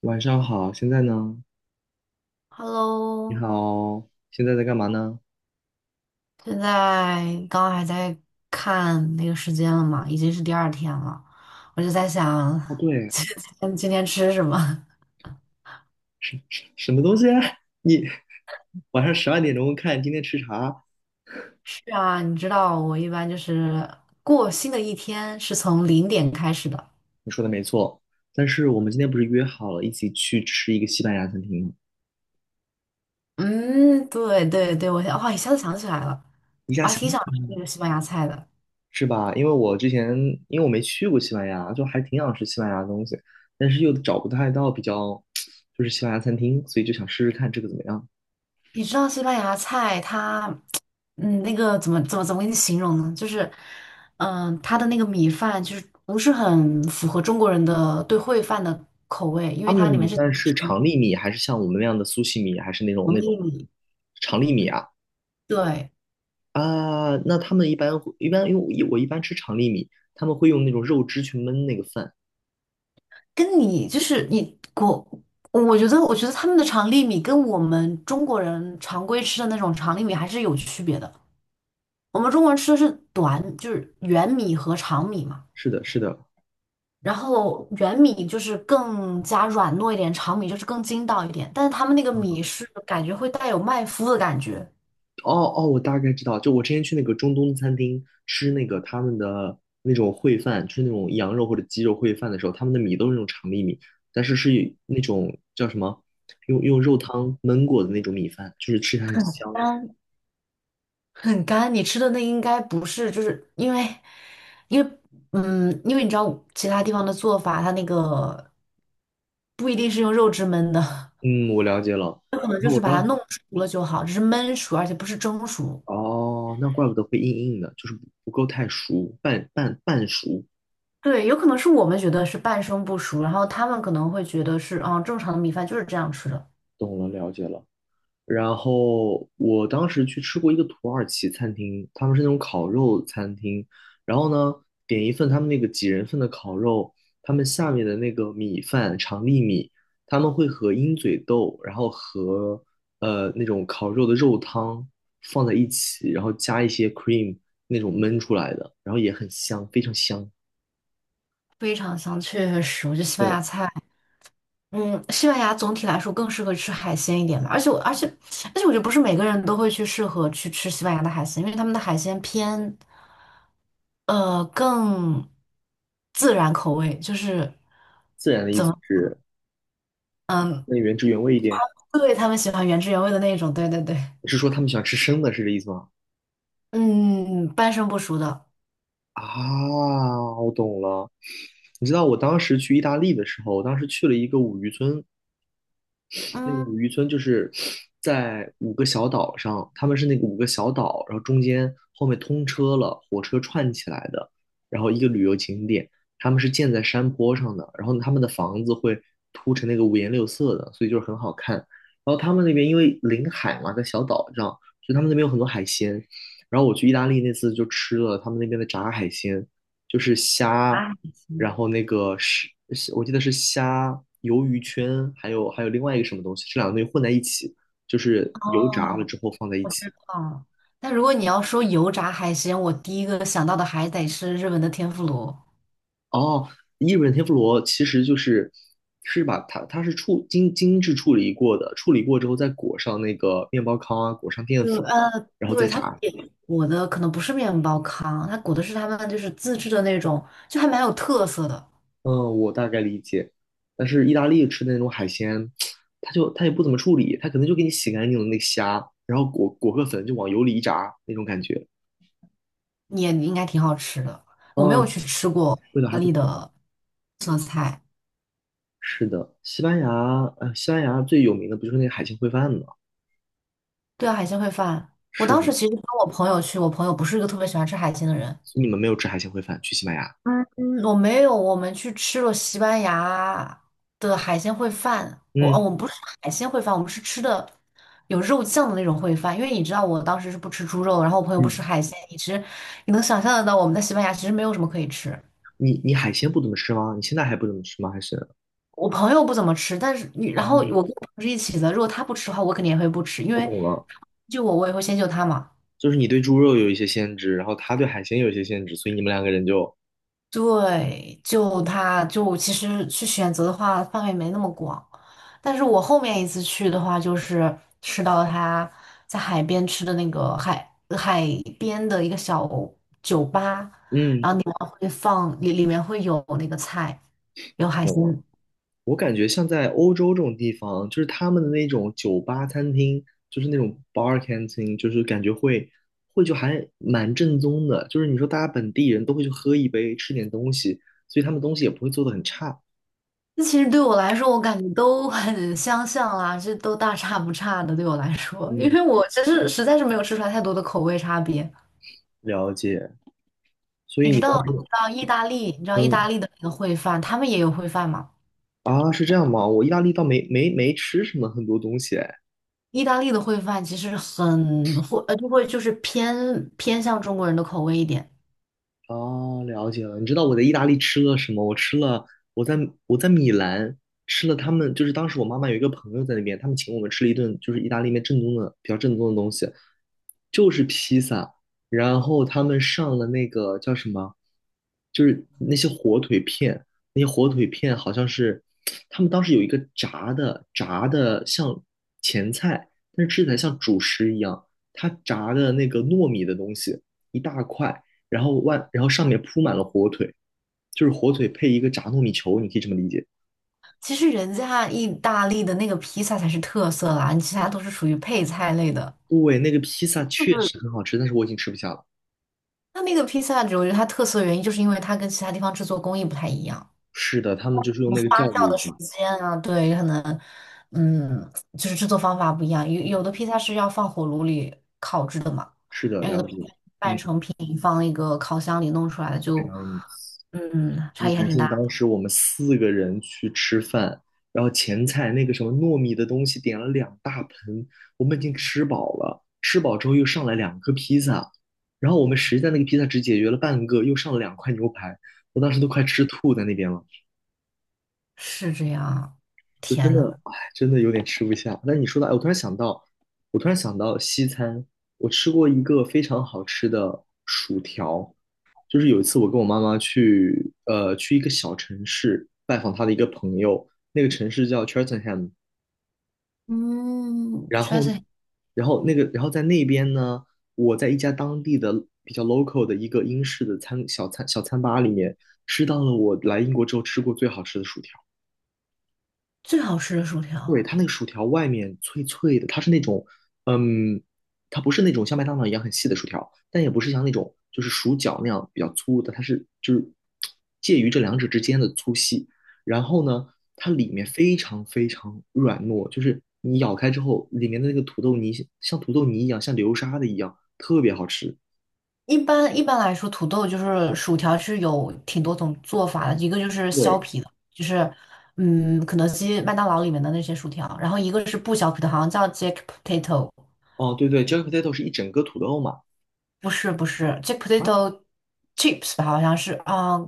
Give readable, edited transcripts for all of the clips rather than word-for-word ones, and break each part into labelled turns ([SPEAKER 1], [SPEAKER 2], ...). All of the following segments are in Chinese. [SPEAKER 1] 晚上好，现在呢？你
[SPEAKER 2] Hello,
[SPEAKER 1] 好，现在在干嘛呢？
[SPEAKER 2] 现在刚刚还在看那个时间了嘛，已经是第二天了，我就在想
[SPEAKER 1] 哦，对，
[SPEAKER 2] 今今天吃什么？
[SPEAKER 1] 什么东西啊？你晚上十二点钟看今天吃啥？
[SPEAKER 2] 是啊，你知道我一般就是过新的一天是从零点开始的。
[SPEAKER 1] 你说的没错，但是我们今天不是约好了一起去吃一个西班牙餐厅吗？
[SPEAKER 2] 嗯，对对对，我想，哇，一下子想起来了，
[SPEAKER 1] 下
[SPEAKER 2] 我还
[SPEAKER 1] 下
[SPEAKER 2] 挺
[SPEAKER 1] 想
[SPEAKER 2] 想吃那个西班牙菜的。
[SPEAKER 1] 是吧？因为我之前因为我没去过西班牙，就还挺想吃西班牙的东西，但是又找不太到比较就是西班牙餐厅，所以就想试试看这个怎么样。
[SPEAKER 2] 你知道西班牙菜它，嗯，那个怎么给你形容呢？就是，嗯、它的那个米饭就是不是很符合中国人的对烩饭的口味，因
[SPEAKER 1] 他
[SPEAKER 2] 为
[SPEAKER 1] 们的
[SPEAKER 2] 它里
[SPEAKER 1] 米
[SPEAKER 2] 面是
[SPEAKER 1] 饭是
[SPEAKER 2] 嗯
[SPEAKER 1] 长粒米，还是像我们那样的苏西米，还是那种
[SPEAKER 2] 长
[SPEAKER 1] 那种
[SPEAKER 2] 粒米，
[SPEAKER 1] 长粒米啊？
[SPEAKER 2] 对，
[SPEAKER 1] 啊，那他们一般会一般因为我一般吃长粒米，他们会用那种肉汁去焖那个饭。
[SPEAKER 2] 跟你就是你国，我觉得他们的长粒米跟我们中国人常规吃的那种长粒米还是有区别的。我们中国人吃的是短，就是圆米和长米嘛。
[SPEAKER 1] 是的，是的。
[SPEAKER 2] 然后圆米就是更加软糯一点，长米就是更筋道一点，但是他们那个
[SPEAKER 1] 嗯，
[SPEAKER 2] 米是感觉会带有麦麸的感觉，
[SPEAKER 1] 哦哦，我大概知道，就我之前去那个中东餐厅吃那个他们的那种烩饭，吃那种羊肉或者鸡肉烩饭的时候，他们的米都是那种长粒米，但是是以那种叫什么，用肉汤焖过的那种米饭，就是吃起来很
[SPEAKER 2] 很
[SPEAKER 1] 香。
[SPEAKER 2] 干很干。你吃的那应该不是，就是因为嗯，因为你知道其他地方的做法，它那个不一定是用肉汁焖的，
[SPEAKER 1] 嗯，我了解了。
[SPEAKER 2] 可能就
[SPEAKER 1] 那我
[SPEAKER 2] 是把
[SPEAKER 1] 当
[SPEAKER 2] 它
[SPEAKER 1] 时，
[SPEAKER 2] 弄熟了就好，只是焖熟，而且不是蒸熟。
[SPEAKER 1] 哦，那怪不得会硬硬的，就是不够太熟，半熟。
[SPEAKER 2] 对，有可能是我们觉得是半生不熟，然后他们可能会觉得是啊，正常的米饭就是这样吃的。
[SPEAKER 1] 懂了，了解了。然后我当时去吃过一个土耳其餐厅，他们是那种烤肉餐厅。然后呢，点一份他们那个几人份的烤肉，他们下面的那个米饭长粒米，他们会和鹰嘴豆，然后和那种烤肉的肉汤放在一起，然后加一些 cream 那种焖出来的，然后也很香，非常香。
[SPEAKER 2] 非常香，确实，我觉得西班
[SPEAKER 1] 对，
[SPEAKER 2] 牙菜，嗯，西班牙总体来说更适合吃海鲜一点吧。而且我，而且，而且，我觉得不是每个人都会去适合去吃西班牙的海鲜，因为他们的海鲜偏，更自然口味，就是
[SPEAKER 1] 自然的意
[SPEAKER 2] 怎
[SPEAKER 1] 思
[SPEAKER 2] 么，
[SPEAKER 1] 是
[SPEAKER 2] 嗯，
[SPEAKER 1] 那原汁原味一点。
[SPEAKER 2] 对，他们喜欢原汁原味的那种，对对对，
[SPEAKER 1] 你是说他们喜欢吃生的，是这意思吗？
[SPEAKER 2] 嗯，半生不熟的，
[SPEAKER 1] 啊，我懂了。你知道我当时去意大利的时候，我当时去了一个五渔村，那个
[SPEAKER 2] 嗯，
[SPEAKER 1] 五渔村就是在五个小岛上，他们是那个五个小岛，然后中间后面通车了，火车串起来的，然后一个旅游景点，他们是建在山坡上的，然后他们的房子会铺成那个五颜六色的，所以就是很好看。然后他们那边因为临海嘛，在小岛上，所以他们那边有很多海鲜。然后我去意大利那次就吃了他们那边的炸海鲜，就是虾。
[SPEAKER 2] 炸海鲜，
[SPEAKER 1] 然后那个是，我记得是虾、鱿鱼圈，还有另外一个什么东西，这两个东西混在一起，就是油炸了
[SPEAKER 2] 哦，
[SPEAKER 1] 之后放在一
[SPEAKER 2] 我
[SPEAKER 1] 起。
[SPEAKER 2] 知道。但如果你要说油炸海鲜，我第一个想到的还得是日本的天妇罗。
[SPEAKER 1] 哦，伊比天妇罗其实就是是把它是处精致处理过的，处理过之后再裹上那个面包糠啊，裹上淀粉
[SPEAKER 2] 对，
[SPEAKER 1] 啊，然后
[SPEAKER 2] 对，
[SPEAKER 1] 再
[SPEAKER 2] 它
[SPEAKER 1] 炸。
[SPEAKER 2] 也裹的可能不是面包糠，它裹的是他们就是自制的那种，就还蛮有特色的，
[SPEAKER 1] 嗯，我大概理解。但是意大利吃的那种海鲜，它就它也不怎么处理，它可能就给你洗干净了那个虾，然后裹个粉就往油里一炸那种感觉。
[SPEAKER 2] 也应该挺好吃的。我没有
[SPEAKER 1] 嗯，
[SPEAKER 2] 去吃过意
[SPEAKER 1] 味道还
[SPEAKER 2] 大
[SPEAKER 1] 不
[SPEAKER 2] 利
[SPEAKER 1] 错。
[SPEAKER 2] 的色菜，
[SPEAKER 1] 是的，西班牙，呃，西班牙最有名的不就是那个海鲜烩饭吗？
[SPEAKER 2] 对啊，海鲜烩饭。我
[SPEAKER 1] 是
[SPEAKER 2] 当
[SPEAKER 1] 的，
[SPEAKER 2] 时其实跟我朋友去，我朋友不是一个特别喜欢吃海鲜的人，
[SPEAKER 1] 你们没有吃海鲜烩饭，去西班牙。
[SPEAKER 2] 嗯我没有，我们去吃了西班牙的海鲜烩饭。我哦，
[SPEAKER 1] 嗯
[SPEAKER 2] 我们不是海鲜烩饭，我们是吃的有肉酱的那种烩饭。因为你知道，我当时是不吃猪肉，然后我朋友不
[SPEAKER 1] 嗯，
[SPEAKER 2] 吃海鲜，你其实你能想象得到，我们在西班牙其实没有什么可以吃。
[SPEAKER 1] 你海鲜不怎么吃吗？你现在还不怎么吃吗？还是？
[SPEAKER 2] 我朋友不怎么吃，但是你，然后我跟
[SPEAKER 1] 哦，
[SPEAKER 2] 我朋友是一起的，如果他不吃的话，我肯定也会不吃，因
[SPEAKER 1] 我
[SPEAKER 2] 为
[SPEAKER 1] 懂了，
[SPEAKER 2] 就我，我也会先救他嘛。
[SPEAKER 1] 就是你对猪肉有一些限制，然后他对海鲜有一些限制，所以你们两个人就，
[SPEAKER 2] 对，就他就其实去选择的话，范围没那么广。但是我后面一次去的话，就是吃到他在海边吃的那个海边的一个小酒吧，
[SPEAKER 1] 嗯，
[SPEAKER 2] 会放里面会有那个菜，有海
[SPEAKER 1] 懂
[SPEAKER 2] 鲜。
[SPEAKER 1] 了。我感觉像在欧洲这种地方，就是他们的那种酒吧、餐厅，就是那种 bar canteen，就是感觉会就还蛮正宗的。就是你说大家本地人都会去喝一杯，吃点东西，所以他们东西也不会做的很差。
[SPEAKER 2] 那其实对我来说，我感觉都很相像啦，这都大差不差的。对我来说，因
[SPEAKER 1] 嗯，
[SPEAKER 2] 为我其实实在是没有吃出来太多的口味差别。
[SPEAKER 1] 了解。所以你当时，
[SPEAKER 2] 你知道意大
[SPEAKER 1] 嗯
[SPEAKER 2] 利的那个烩饭，他们也有烩饭嘛？
[SPEAKER 1] 啊，是这样吗？我意大利倒没吃什么很多东西哎。
[SPEAKER 2] 意大利的烩饭其实很会，就会就是偏向中国人的口味一点。
[SPEAKER 1] 哦，了解了。你知道我在意大利吃了什么？我吃了，我在我在米兰吃了他们，就是当时我妈妈有一个朋友在那边，他们请我们吃了一顿，就是意大利面正宗的比较正宗的东西，就是披萨。然后他们上了那个叫什么，就是那些火腿片，那些火腿片好像是他们当时有一个炸的像前菜，但是吃起来像主食一样，它炸的那个糯米的东西一大块。然后外然后上面铺满了火腿，就是火腿配一个炸糯米球，你可以这么理解。
[SPEAKER 2] 其实人家意大利的那个披萨才是特色啦，你其他都是属于配菜类的。
[SPEAKER 1] 对，那个披萨确实很好吃，但是我已经吃不下了。
[SPEAKER 2] 它那个披萨，我觉得它特色的原因就是因为它跟其他地方制作工艺不太一样，
[SPEAKER 1] 是的，他
[SPEAKER 2] 什
[SPEAKER 1] 们就是用
[SPEAKER 2] 么
[SPEAKER 1] 那个
[SPEAKER 2] 发
[SPEAKER 1] 酵
[SPEAKER 2] 酵的
[SPEAKER 1] 母
[SPEAKER 2] 时
[SPEAKER 1] 嘛。
[SPEAKER 2] 间啊，对，可能，嗯，就是制作方法不一样。有的披萨是要放火炉里烤制的嘛，
[SPEAKER 1] 是的，
[SPEAKER 2] 然后
[SPEAKER 1] 了
[SPEAKER 2] 有的披
[SPEAKER 1] 解。
[SPEAKER 2] 萨
[SPEAKER 1] 嗯，
[SPEAKER 2] 是你放一个烤箱里弄出来的
[SPEAKER 1] 这
[SPEAKER 2] 就，
[SPEAKER 1] 样子。
[SPEAKER 2] 嗯，差
[SPEAKER 1] 你
[SPEAKER 2] 异还
[SPEAKER 1] 敢
[SPEAKER 2] 挺
[SPEAKER 1] 信
[SPEAKER 2] 大。
[SPEAKER 1] 当时我们四个人去吃饭，然后前菜那个什么糯米的东西点了两大盆，我们已经吃饱了。吃饱之后又上来两个披萨，然后我们实在那个披萨只解决了半个，又上了两块牛排，我当时都快吃吐在那边了。
[SPEAKER 2] 是这样啊。
[SPEAKER 1] 我真
[SPEAKER 2] 天
[SPEAKER 1] 的，
[SPEAKER 2] 呐，
[SPEAKER 1] 哎，真的有点吃不下。那你说到，哎我突然想到，我突然想到西餐，我吃过一个非常好吃的薯条，就是有一次我跟我妈妈去，去一个小城市拜访她的一个朋友，那个城市叫 Cheltenham，
[SPEAKER 2] 嗯，
[SPEAKER 1] 然
[SPEAKER 2] 确
[SPEAKER 1] 后，
[SPEAKER 2] 实
[SPEAKER 1] 然后那个，然后在那边呢，我在一家当地的比较 local 的一个英式的餐小餐小餐吧里面吃到了我来英国之后吃过最好吃的薯条。
[SPEAKER 2] 最好吃的薯
[SPEAKER 1] 对，
[SPEAKER 2] 条。
[SPEAKER 1] 它那个薯条外面脆脆的，它是那种，嗯，它不是那种像麦当劳一样很细的薯条，但也不是像那种就是薯角那样比较粗的，它是就是介于这两者之间的粗细。然后呢，它里面非常非常软糯，就是你咬开之后，里面的那个土豆泥像土豆泥一样，像流沙的一样，特别好吃。
[SPEAKER 2] 一般来说，土豆就是薯条是有挺多种做法的，一个就是削
[SPEAKER 1] 对，
[SPEAKER 2] 皮的，就是嗯，肯德基、麦当劳里面的那些薯条，然后一个是不削皮的，好像叫 Jack Potato,
[SPEAKER 1] 哦，对对，Jack potato 是一整个土豆嘛。
[SPEAKER 2] 不是 Jack
[SPEAKER 1] 啊？
[SPEAKER 2] Potato Chips 吧，好像是啊、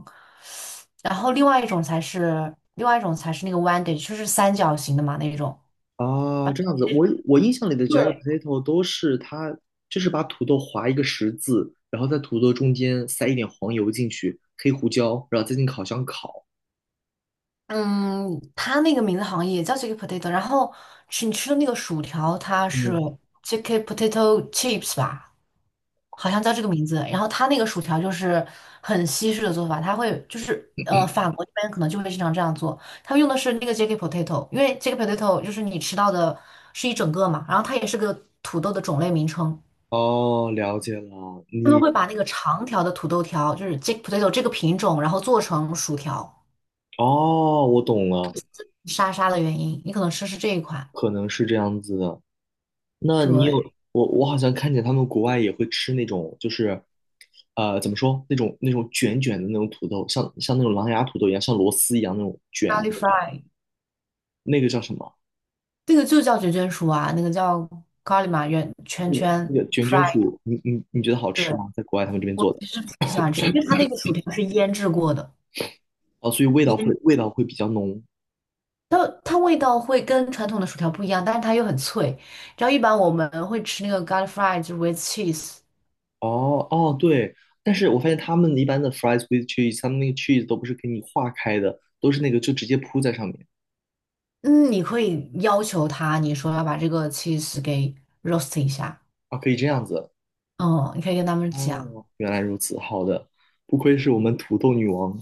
[SPEAKER 2] 然后另外一种才是那个 Wendy,就是三角形的嘛那种。
[SPEAKER 1] 啊，这样子，我我印象里的 jagged
[SPEAKER 2] 对。
[SPEAKER 1] potato 都是它，就是把土豆划一个十字，然后在土豆中间塞一点黄油进去，黑胡椒，然后再进烤箱烤。
[SPEAKER 2] 嗯，它那个名字好像也叫 JK Potato,然后吃你吃的那个薯条，它是
[SPEAKER 1] 嗯，
[SPEAKER 2] JK Potato Chips 吧，好像叫这个名字。然后它那个薯条就是很西式的做法，它会就是呃，法国那边可能就会经常这样做，它用的是那个 JK Potato,因为 JK Potato 就是你吃到的是一整个嘛，然后它也是个土豆的种类名称，
[SPEAKER 1] 哦，了解了，
[SPEAKER 2] 他们
[SPEAKER 1] 你，
[SPEAKER 2] 会把那个长条的土豆条，就是 JK Potato 这个品种，然后做成薯条，
[SPEAKER 1] 哦，我懂了，
[SPEAKER 2] 沙沙的原因，你可能吃是这一款，
[SPEAKER 1] 可能是这样子的。那你有，
[SPEAKER 2] 对。
[SPEAKER 1] 我好像看见他们国外也会吃那种，就是，呃，怎么说，那种卷卷的那种土豆，像那种狼牙土豆一样，像螺丝一样那种
[SPEAKER 2] g
[SPEAKER 1] 卷
[SPEAKER 2] a l 咖
[SPEAKER 1] 的
[SPEAKER 2] 喱
[SPEAKER 1] 那种，
[SPEAKER 2] fry,
[SPEAKER 1] 那个叫什么？
[SPEAKER 2] 那个就叫卷卷薯啊，那个叫 g a r 咖喱嘛，圆圈
[SPEAKER 1] 那个
[SPEAKER 2] 圈
[SPEAKER 1] 那个卷卷
[SPEAKER 2] fry。
[SPEAKER 1] 薯，你觉得好
[SPEAKER 2] 对，
[SPEAKER 1] 吃吗？在国外他们这边
[SPEAKER 2] 我
[SPEAKER 1] 做的
[SPEAKER 2] 其实挺喜欢吃，因为它那个薯条是腌制过的，
[SPEAKER 1] 哦，所以味道会
[SPEAKER 2] 腌
[SPEAKER 1] 味道会比较浓。
[SPEAKER 2] 它它味道会跟传统的薯条不一样，但是它又很脆。然后一般我们会吃那个 Garlic fry 就是 with cheese,
[SPEAKER 1] 哦哦，对，但是我发现他们一般的 fries with cheese，他们那个 cheese 都不是给你化开的，都是那个就直接铺在上面
[SPEAKER 2] 嗯，你可以要求他，你说要把这个 cheese 给 roast 一下，
[SPEAKER 1] 啊，可以这样子。
[SPEAKER 2] 嗯，你可以跟他们讲。
[SPEAKER 1] 哦，原来如此，好的，不愧是我们土豆女王，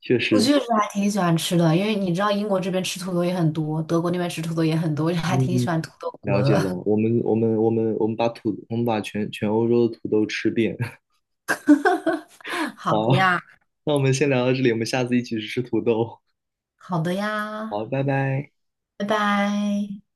[SPEAKER 1] 确
[SPEAKER 2] 我
[SPEAKER 1] 实，
[SPEAKER 2] 确实还挺喜欢吃的，因为你知道英国这边吃土豆也很多，德国那边吃土豆也很多，我就还挺喜
[SPEAKER 1] 嗯，
[SPEAKER 2] 欢土豆
[SPEAKER 1] 了
[SPEAKER 2] 国
[SPEAKER 1] 解了，
[SPEAKER 2] 的。
[SPEAKER 1] 我们把土我们把全全欧洲的土豆吃遍。
[SPEAKER 2] 好
[SPEAKER 1] 好，
[SPEAKER 2] 的呀，
[SPEAKER 1] 那我们先聊到这里，我们下次一起去吃土豆。
[SPEAKER 2] 好的
[SPEAKER 1] 好，
[SPEAKER 2] 呀，
[SPEAKER 1] 拜拜。
[SPEAKER 2] 拜拜。